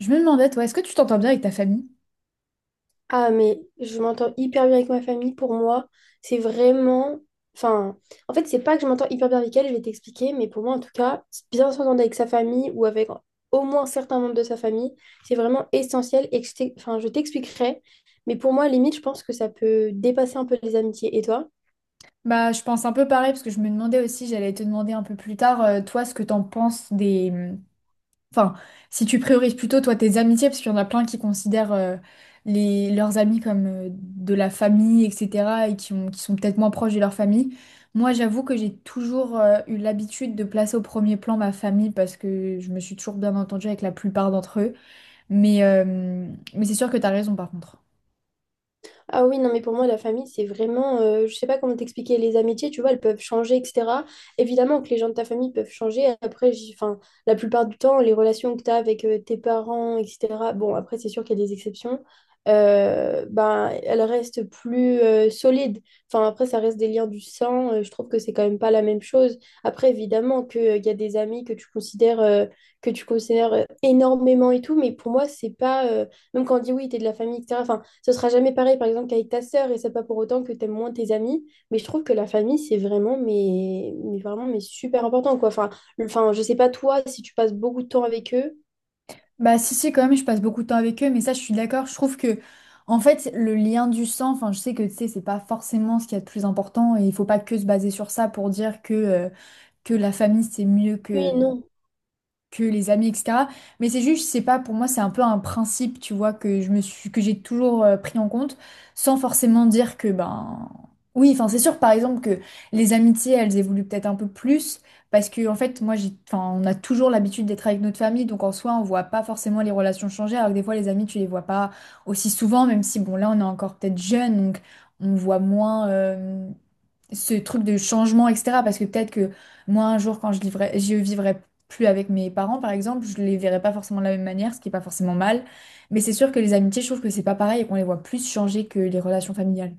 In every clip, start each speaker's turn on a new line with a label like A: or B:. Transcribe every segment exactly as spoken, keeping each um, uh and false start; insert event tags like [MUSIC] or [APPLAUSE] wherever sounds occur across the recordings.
A: Je me demandais, toi, est-ce que tu t'entends bien avec ta famille?
B: Ah, mais je m'entends hyper bien avec ma famille. Pour moi, c'est vraiment. Enfin, en fait, c'est pas que je m'entends hyper bien avec elle, je vais t'expliquer, mais pour moi, en tout cas, bien s'entendre avec sa famille ou avec au moins certains membres de sa famille, c'est vraiment essentiel. Et que je t'ex- enfin, je t'expliquerai. Mais pour moi, limite, je pense que ça peut dépasser un peu les amitiés. Et toi?
A: Bah, je pense un peu pareil, parce que je me demandais aussi, j'allais te demander un peu plus tard, euh, toi, ce que t'en penses des... Enfin, si tu priorises plutôt, toi, tes amitiés, parce qu'il y en a plein qui considèrent euh, les... leurs amis comme euh, de la famille, et cetera, et qui ont... qui sont peut-être moins proches de leur famille. Moi, j'avoue que j'ai toujours euh, eu l'habitude de placer au premier plan ma famille, parce que je me suis toujours bien entendue avec la plupart d'entre eux. Mais, euh, Mais c'est sûr que t'as raison, par contre.
B: Ah oui, non, mais pour moi, la famille, c'est vraiment, euh, je sais pas comment t'expliquer, les amitiés, tu vois, elles peuvent changer, et cetera. Évidemment que les gens de ta famille peuvent changer. Après, j'y- enfin, la plupart du temps, les relations que tu as avec euh, tes parents, et cetera, bon, après, c'est sûr qu'il y a des exceptions, euh, ben, elles restent plus euh, solides. Enfin, après, ça reste des liens du sang. Euh, je trouve que c'est quand même pas la même chose. Après, évidemment que, euh, il y a des amis que tu considères, euh, que tu considères euh, énormément et tout, mais pour moi, c'est pas, euh, même quand on dit oui, t'es de la famille, et cetera. Ce sera jamais pareil, par exemple, qu'avec ta sœur, et c'est pas pour autant que t'aimes moins tes amis. Mais je trouve que la famille, c'est vraiment, mais, mais vraiment, mais super important, quoi. Enfin, le- enfin, je sais pas toi, si tu passes beaucoup de temps avec eux.
A: Bah, si si quand même, je passe beaucoup de temps avec eux, mais ça, je suis d'accord, je trouve que en fait, le lien du sang, enfin, je sais que, tu sais, c'est pas forcément ce qu'il y a de plus important, et il faut pas que se baser sur ça pour dire que euh, que la famille c'est mieux
B: Oui,
A: que
B: non.
A: que les amis, et cetera. Mais c'est juste, c'est pas, pour moi, c'est un peu un principe, tu vois, que je me suis, que j'ai toujours euh, pris en compte, sans forcément dire que, ben, oui, enfin, c'est sûr, par exemple, que les amitiés, elles évoluent peut-être un peu plus, parce que, en fait, moi, j'ai, enfin, on a toujours l'habitude d'être avec notre famille, donc en soi, on voit pas forcément les relations changer, alors que des fois, les amis, tu les vois pas aussi souvent, même si, bon, là, on est encore peut-être jeune, donc on voit moins, euh, ce truc de changement, et cetera. Parce que peut-être que moi, un jour, quand je vivrai, je vivrai plus avec mes parents, par exemple, je les verrai pas forcément de la même manière, ce qui est pas forcément mal. Mais c'est sûr que les amitiés, je trouve que c'est pas pareil et qu'on les voit plus changer que les relations familiales.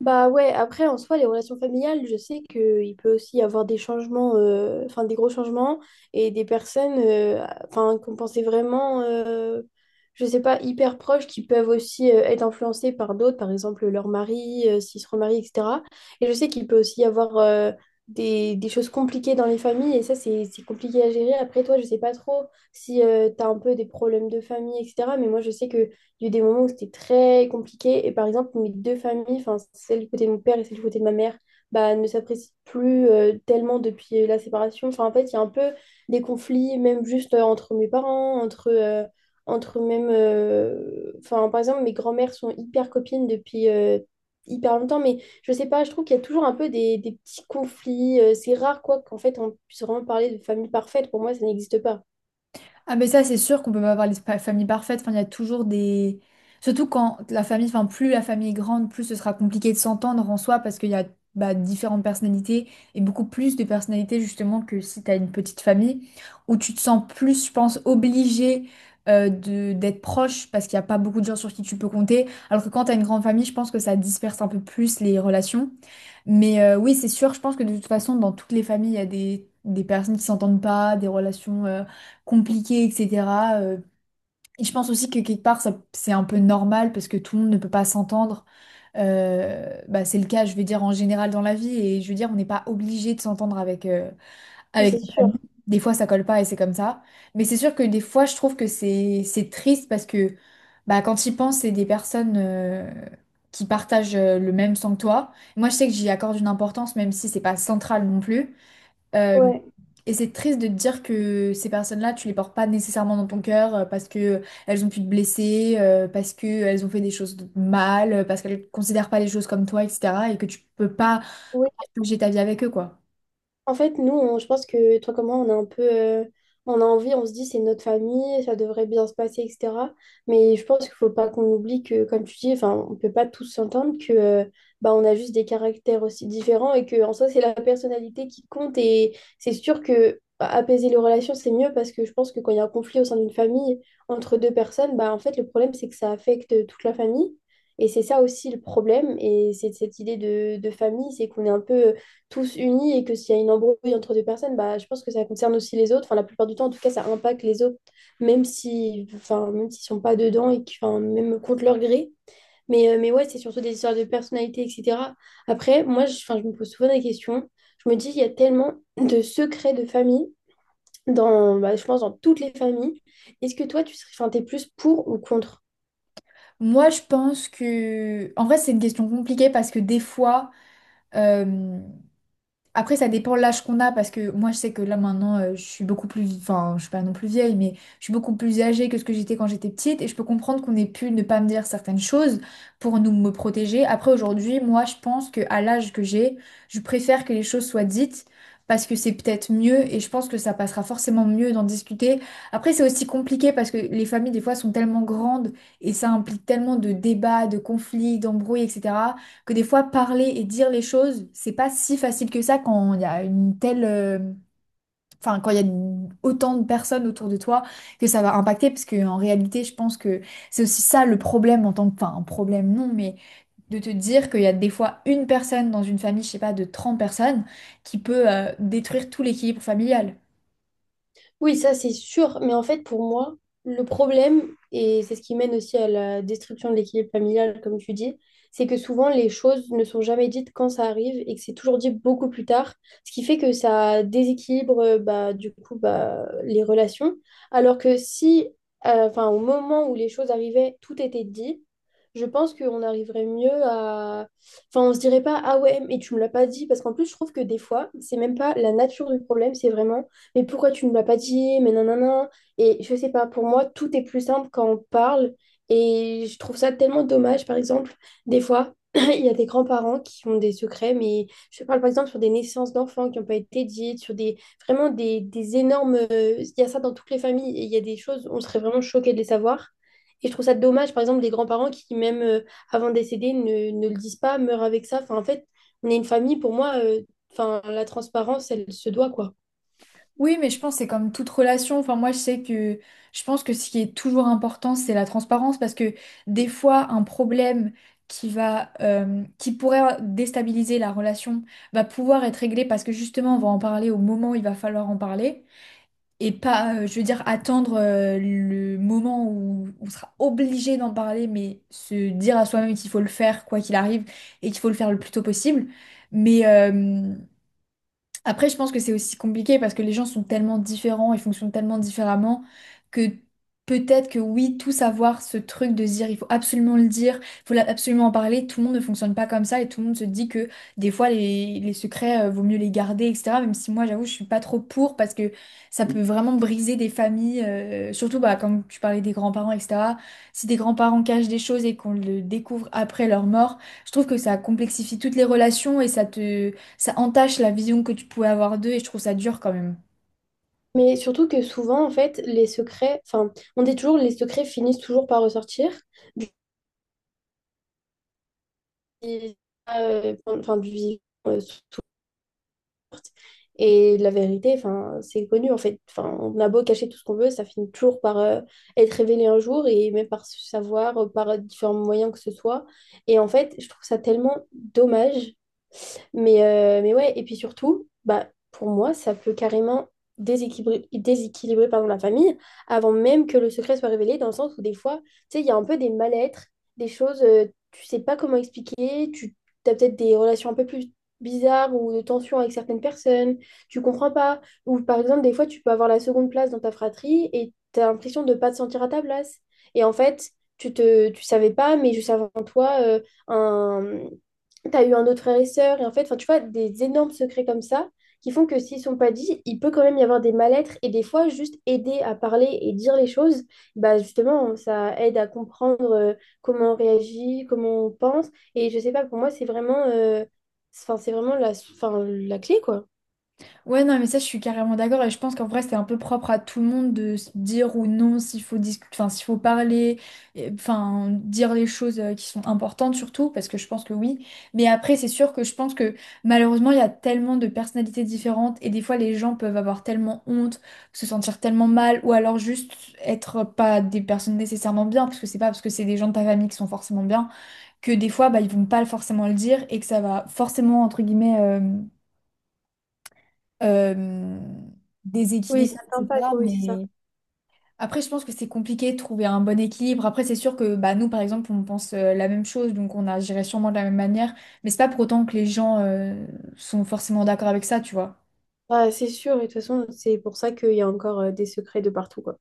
B: Bah ouais, après, en soi, les relations familiales, je sais qu'il peut aussi y avoir des changements, euh, enfin des gros changements, et des personnes euh, enfin, qu'on pensait vraiment, euh, je sais pas, hyper proches, qui peuvent aussi euh, être influencées par d'autres, par exemple leur mari, euh, s'ils se remarient, et cetera. Et je sais qu'il peut aussi y avoir euh, des, des choses compliquées dans les familles, et ça, c'est, c'est compliqué à gérer. Après, toi, je sais pas trop si tu as un peu des problèmes de famille, et cetera. Mais moi, je sais que il y a eu des moments où c'était très compliqué. Et par exemple, mes deux familles, enfin, celle du côté de mon père et celle du côté de ma mère, bah, ne s'apprécient plus euh, tellement depuis euh, la séparation. Enfin, en fait, il y a un peu des conflits, même juste euh, entre mes parents, entre, euh, entre même. euh, Enfin, par exemple, mes grands-mères sont hyper copines depuis euh, hyper longtemps. Mais je sais pas, je trouve qu'il y a toujours un peu des, des petits conflits. Euh, c'est rare, quoi, qu'en fait, on puisse vraiment parler de famille parfaite. Pour moi, ça n'existe pas.
A: Ah mais ça c'est sûr qu'on peut pas avoir les pa- familles parfaites, enfin il y a toujours des... Surtout quand la famille, enfin plus la famille est grande, plus ce sera compliqué de s'entendre en soi, parce qu'il y a bah, différentes personnalités et beaucoup plus de personnalités justement que si t'as une petite famille où tu te sens plus, je pense, obligé euh, de d'être proche, parce qu'il n'y a pas beaucoup de gens sur qui tu peux compter. Alors que quand t'as une grande famille, je pense que ça disperse un peu plus les relations. Mais euh, oui c'est sûr, je pense que de toute façon dans toutes les familles il y a des, des personnes qui s'entendent pas, des relations... euh, compliqué, et cetera. Euh, et je pense aussi que quelque part, ça, c'est un peu normal parce que tout le monde ne peut pas s'entendre. Euh, bah, c'est le cas, je veux dire, en général dans la vie. Et je veux dire, on n'est pas obligé de s'entendre avec, euh,
B: Oui,
A: avec
B: c'est
A: notre famille.
B: sûr.
A: Des fois, ça colle pas et c'est comme ça. Mais c'est sûr que des fois, je trouve que c'est, c'est triste parce que bah, quand j'y pense, c'est des personnes euh, qui partagent euh, le même sang que toi. Moi, je sais que j'y accorde une importance, même si c'est pas central non plus. Euh,
B: Ouais.
A: et c'est triste de te dire que ces personnes-là, tu les portes pas nécessairement dans ton cœur, euh, parce que elles ont pu te blesser, euh, parce que elles ont fait des choses de mal, euh, parce qu'elles considèrent pas les choses comme toi, et cetera. Et que tu peux pas
B: Oui.
A: partager ta vie avec eux, quoi.
B: En fait, nous, on- je pense que toi comme moi, on a un peu, euh, on a envie, on se dit c'est notre famille, ça devrait bien se passer, et cetera. Mais je pense qu'il faut pas qu'on oublie que, comme tu dis, enfin, on peut pas tous s'entendre que, euh, bah, on a juste des caractères aussi différents et que, en soi, c'est la personnalité qui compte. Et c'est sûr que bah, apaiser les relations, c'est mieux parce que je pense que quand il y a un conflit au sein d'une famille entre deux personnes, bah, en fait, le problème, c'est que ça affecte toute la famille. Et c'est ça aussi le problème. Et c'est cette idée de, de famille, c'est qu'on est un peu tous unis et que s'il y a une embrouille entre deux personnes, bah, je pense que ça concerne aussi les autres. Enfin, la plupart du temps, en tout cas, ça impacte les autres, même si, enfin, même s'ils sont pas dedans et que, enfin, même contre leur gré. Mais, euh, mais ouais, c'est surtout des histoires de personnalité, et cetera. Après, moi, je, enfin, je me pose souvent des questions. Je me dis, il y a tellement de secrets de famille, dans, bah, je pense, dans toutes les familles. Est-ce que toi, tu serais, enfin, t'es plus pour ou contre.
A: Moi, je pense que... En vrai, c'est une question compliquée parce que des fois... Après, ça dépend l'âge qu'on a, parce que moi, je sais que là, maintenant, euh, je suis beaucoup plus... Enfin, je suis pas non plus vieille, mais je suis beaucoup plus âgée que ce que j'étais quand j'étais petite, et je peux comprendre qu'on ait pu ne pas me dire certaines choses pour nous me protéger. Après, aujourd'hui, moi, je pense que à l'âge que j'ai, je préfère que les choses soient dites, parce que c'est peut-être mieux, et je pense que ça passera forcément mieux d'en discuter. Après, c'est aussi compliqué, parce que les familles, des fois, sont tellement grandes, et ça implique tellement de débats, de conflits, d'embrouilles, etc., que des fois parler et dire les choses, c'est pas si facile que ça quand il y a une telle, euh, enfin quand il y a une- autant de personnes autour de toi que ça va impacter, parce que en réalité, je pense que c'est aussi ça le problème en tant que, enfin un problème non, mais de te dire qu'il y a des fois une personne dans une famille, je sais pas, de trente personnes qui peut euh, détruire tout l'équilibre familial.
B: Oui, ça c'est sûr, mais en fait pour moi, le problème, et c'est ce qui mène aussi à la destruction de l'équilibre familial, comme tu dis, c'est que souvent les choses ne sont jamais dites quand ça arrive et que c'est toujours dit beaucoup plus tard, ce qui fait que ça déséquilibre euh, bah, du coup bah, les relations, alors que si, euh, enfin, au moment où les choses arrivaient, tout était dit, je pense qu'on arriverait mieux à... Enfin, on se dirait pas, ah ouais, mais tu me l'as pas dit, parce qu'en plus je trouve que des fois, c'est même pas la nature du problème, c'est vraiment mais pourquoi tu ne me l'as pas dit? Mais nanana. Et je sais pas, pour moi, tout est plus simple quand on parle. Et je trouve ça tellement dommage, par exemple, des fois. [CLEARS THROAT] Il y a des grands-parents qui ont des secrets, mais je parle par exemple sur des naissances d'enfants qui n'ont pas été dites, sur des vraiment des, des énormes. euh, Il y a ça dans toutes les familles et il y a des choses, on serait vraiment choqués de les savoir. Et je trouve ça dommage, par exemple, des grands-parents qui, même euh, avant de décéder, ne, ne le disent pas, meurent avec ça. Enfin, en fait, on est une famille, pour moi, euh, enfin, la transparence, elle se doit, quoi.
A: Oui, mais je pense que c'est comme toute relation. Enfin, moi, je sais que je pense que ce qui est toujours important, c'est la transparence, parce que des fois, un problème qui va, euh, qui pourrait déstabiliser la relation va pouvoir être réglé parce que justement, on va en parler au moment où il va falloir en parler et pas, euh, je veux dire, attendre, euh, le moment où on sera obligé d'en parler, mais se dire à soi-même qu'il faut le faire quoi qu'il arrive et qu'il faut le faire le plus tôt possible. Mais, euh, Après, je pense que c'est aussi compliqué parce que les gens sont tellement différents et fonctionnent tellement différemment que peut-être que oui, tous avoir ce truc de se dire il faut absolument le dire, il faut la- absolument en parler, tout le monde ne fonctionne pas comme ça et tout le monde se dit que des fois les, les secrets, euh, vaut mieux les garder, et cetera. Même si moi, j'avoue, je suis pas trop pour parce que ça peut vraiment briser des familles, euh, surtout bah, quand tu parlais des grands-parents, et cetera. Si des grands-parents cachent des choses et qu'on le découvre après leur mort, je trouve que ça complexifie toutes les relations et ça te ça entache la vision que tu pouvais avoir d'eux, et je trouve ça dur quand même.
B: Mais surtout que souvent, en fait, les secrets, enfin, on dit toujours, les secrets finissent toujours par ressortir du, euh, enfin, du vivant, euh, surtout. Et la vérité, enfin, c'est connu, en fait. Enfin, on a beau cacher tout ce qu'on veut, ça finit toujours par euh, être révélé un jour et même par se savoir, euh, par différents moyens que ce soit. Et en fait, je trouve ça tellement dommage. Mais, euh, mais ouais, et puis surtout, bah, pour moi, ça peut carrément déséquilibrer, déséquilibrer pardon, la famille avant même que le secret soit révélé, dans le sens où des fois, tu sais, il y a un peu des mal-être, des choses, euh, tu sais pas comment expliquer, tu as peut-être des relations un peu plus bizarres ou de tensions avec certaines personnes, tu comprends pas. Ou par exemple, des fois, tu peux avoir la seconde place dans ta fratrie et tu as l'impression de pas te sentir à ta place. Et en fait, tu te, tu savais pas, mais juste avant toi, euh, un, tu as eu un autre frère et sœur, et en fait, enfin, tu vois, des énormes secrets comme ça qui font que s'ils sont pas dits, il peut quand même y avoir des mal-être, et des fois, juste aider à parler et dire les choses, bah justement, ça aide à comprendre euh, comment on réagit, comment on pense, et je sais pas, pour moi, c'est vraiment, euh, c'est- enfin, c'est vraiment la, enfin, la clé, quoi.
A: Ouais, non, mais ça, je suis carrément d'accord et je pense qu'en vrai, c'est un peu propre à tout le monde de se dire ou non s'il faut discuter, enfin, s'il faut parler, et- enfin, dire les choses euh, qui sont importantes surtout, parce que je pense que oui. Mais après, c'est sûr que je pense que malheureusement, il y a tellement de personnalités différentes et des fois, les gens peuvent avoir tellement honte, se sentir tellement mal ou alors juste être pas des personnes nécessairement bien, parce que c'est pas parce que c'est des gens de ta famille qui sont forcément bien que des fois, bah, ils vont pas forcément le dire et que ça va forcément, entre guillemets, euh, euh,
B: Oui,
A: déséquilibrer,
B: ça sympa,
A: et cetera.
B: quoi, oui, c'est ça.
A: Mais après, je pense que c'est compliqué de trouver un bon équilibre. Après, c'est sûr que bah, nous, par exemple, on pense euh, la même chose, donc on agirait sûrement de la même manière. Mais c'est pas pour autant que les gens euh, sont forcément d'accord avec ça, tu vois.
B: Bah, c'est sûr, et de toute façon, c'est pour ça qu'il y a encore euh, des secrets de partout, quoi.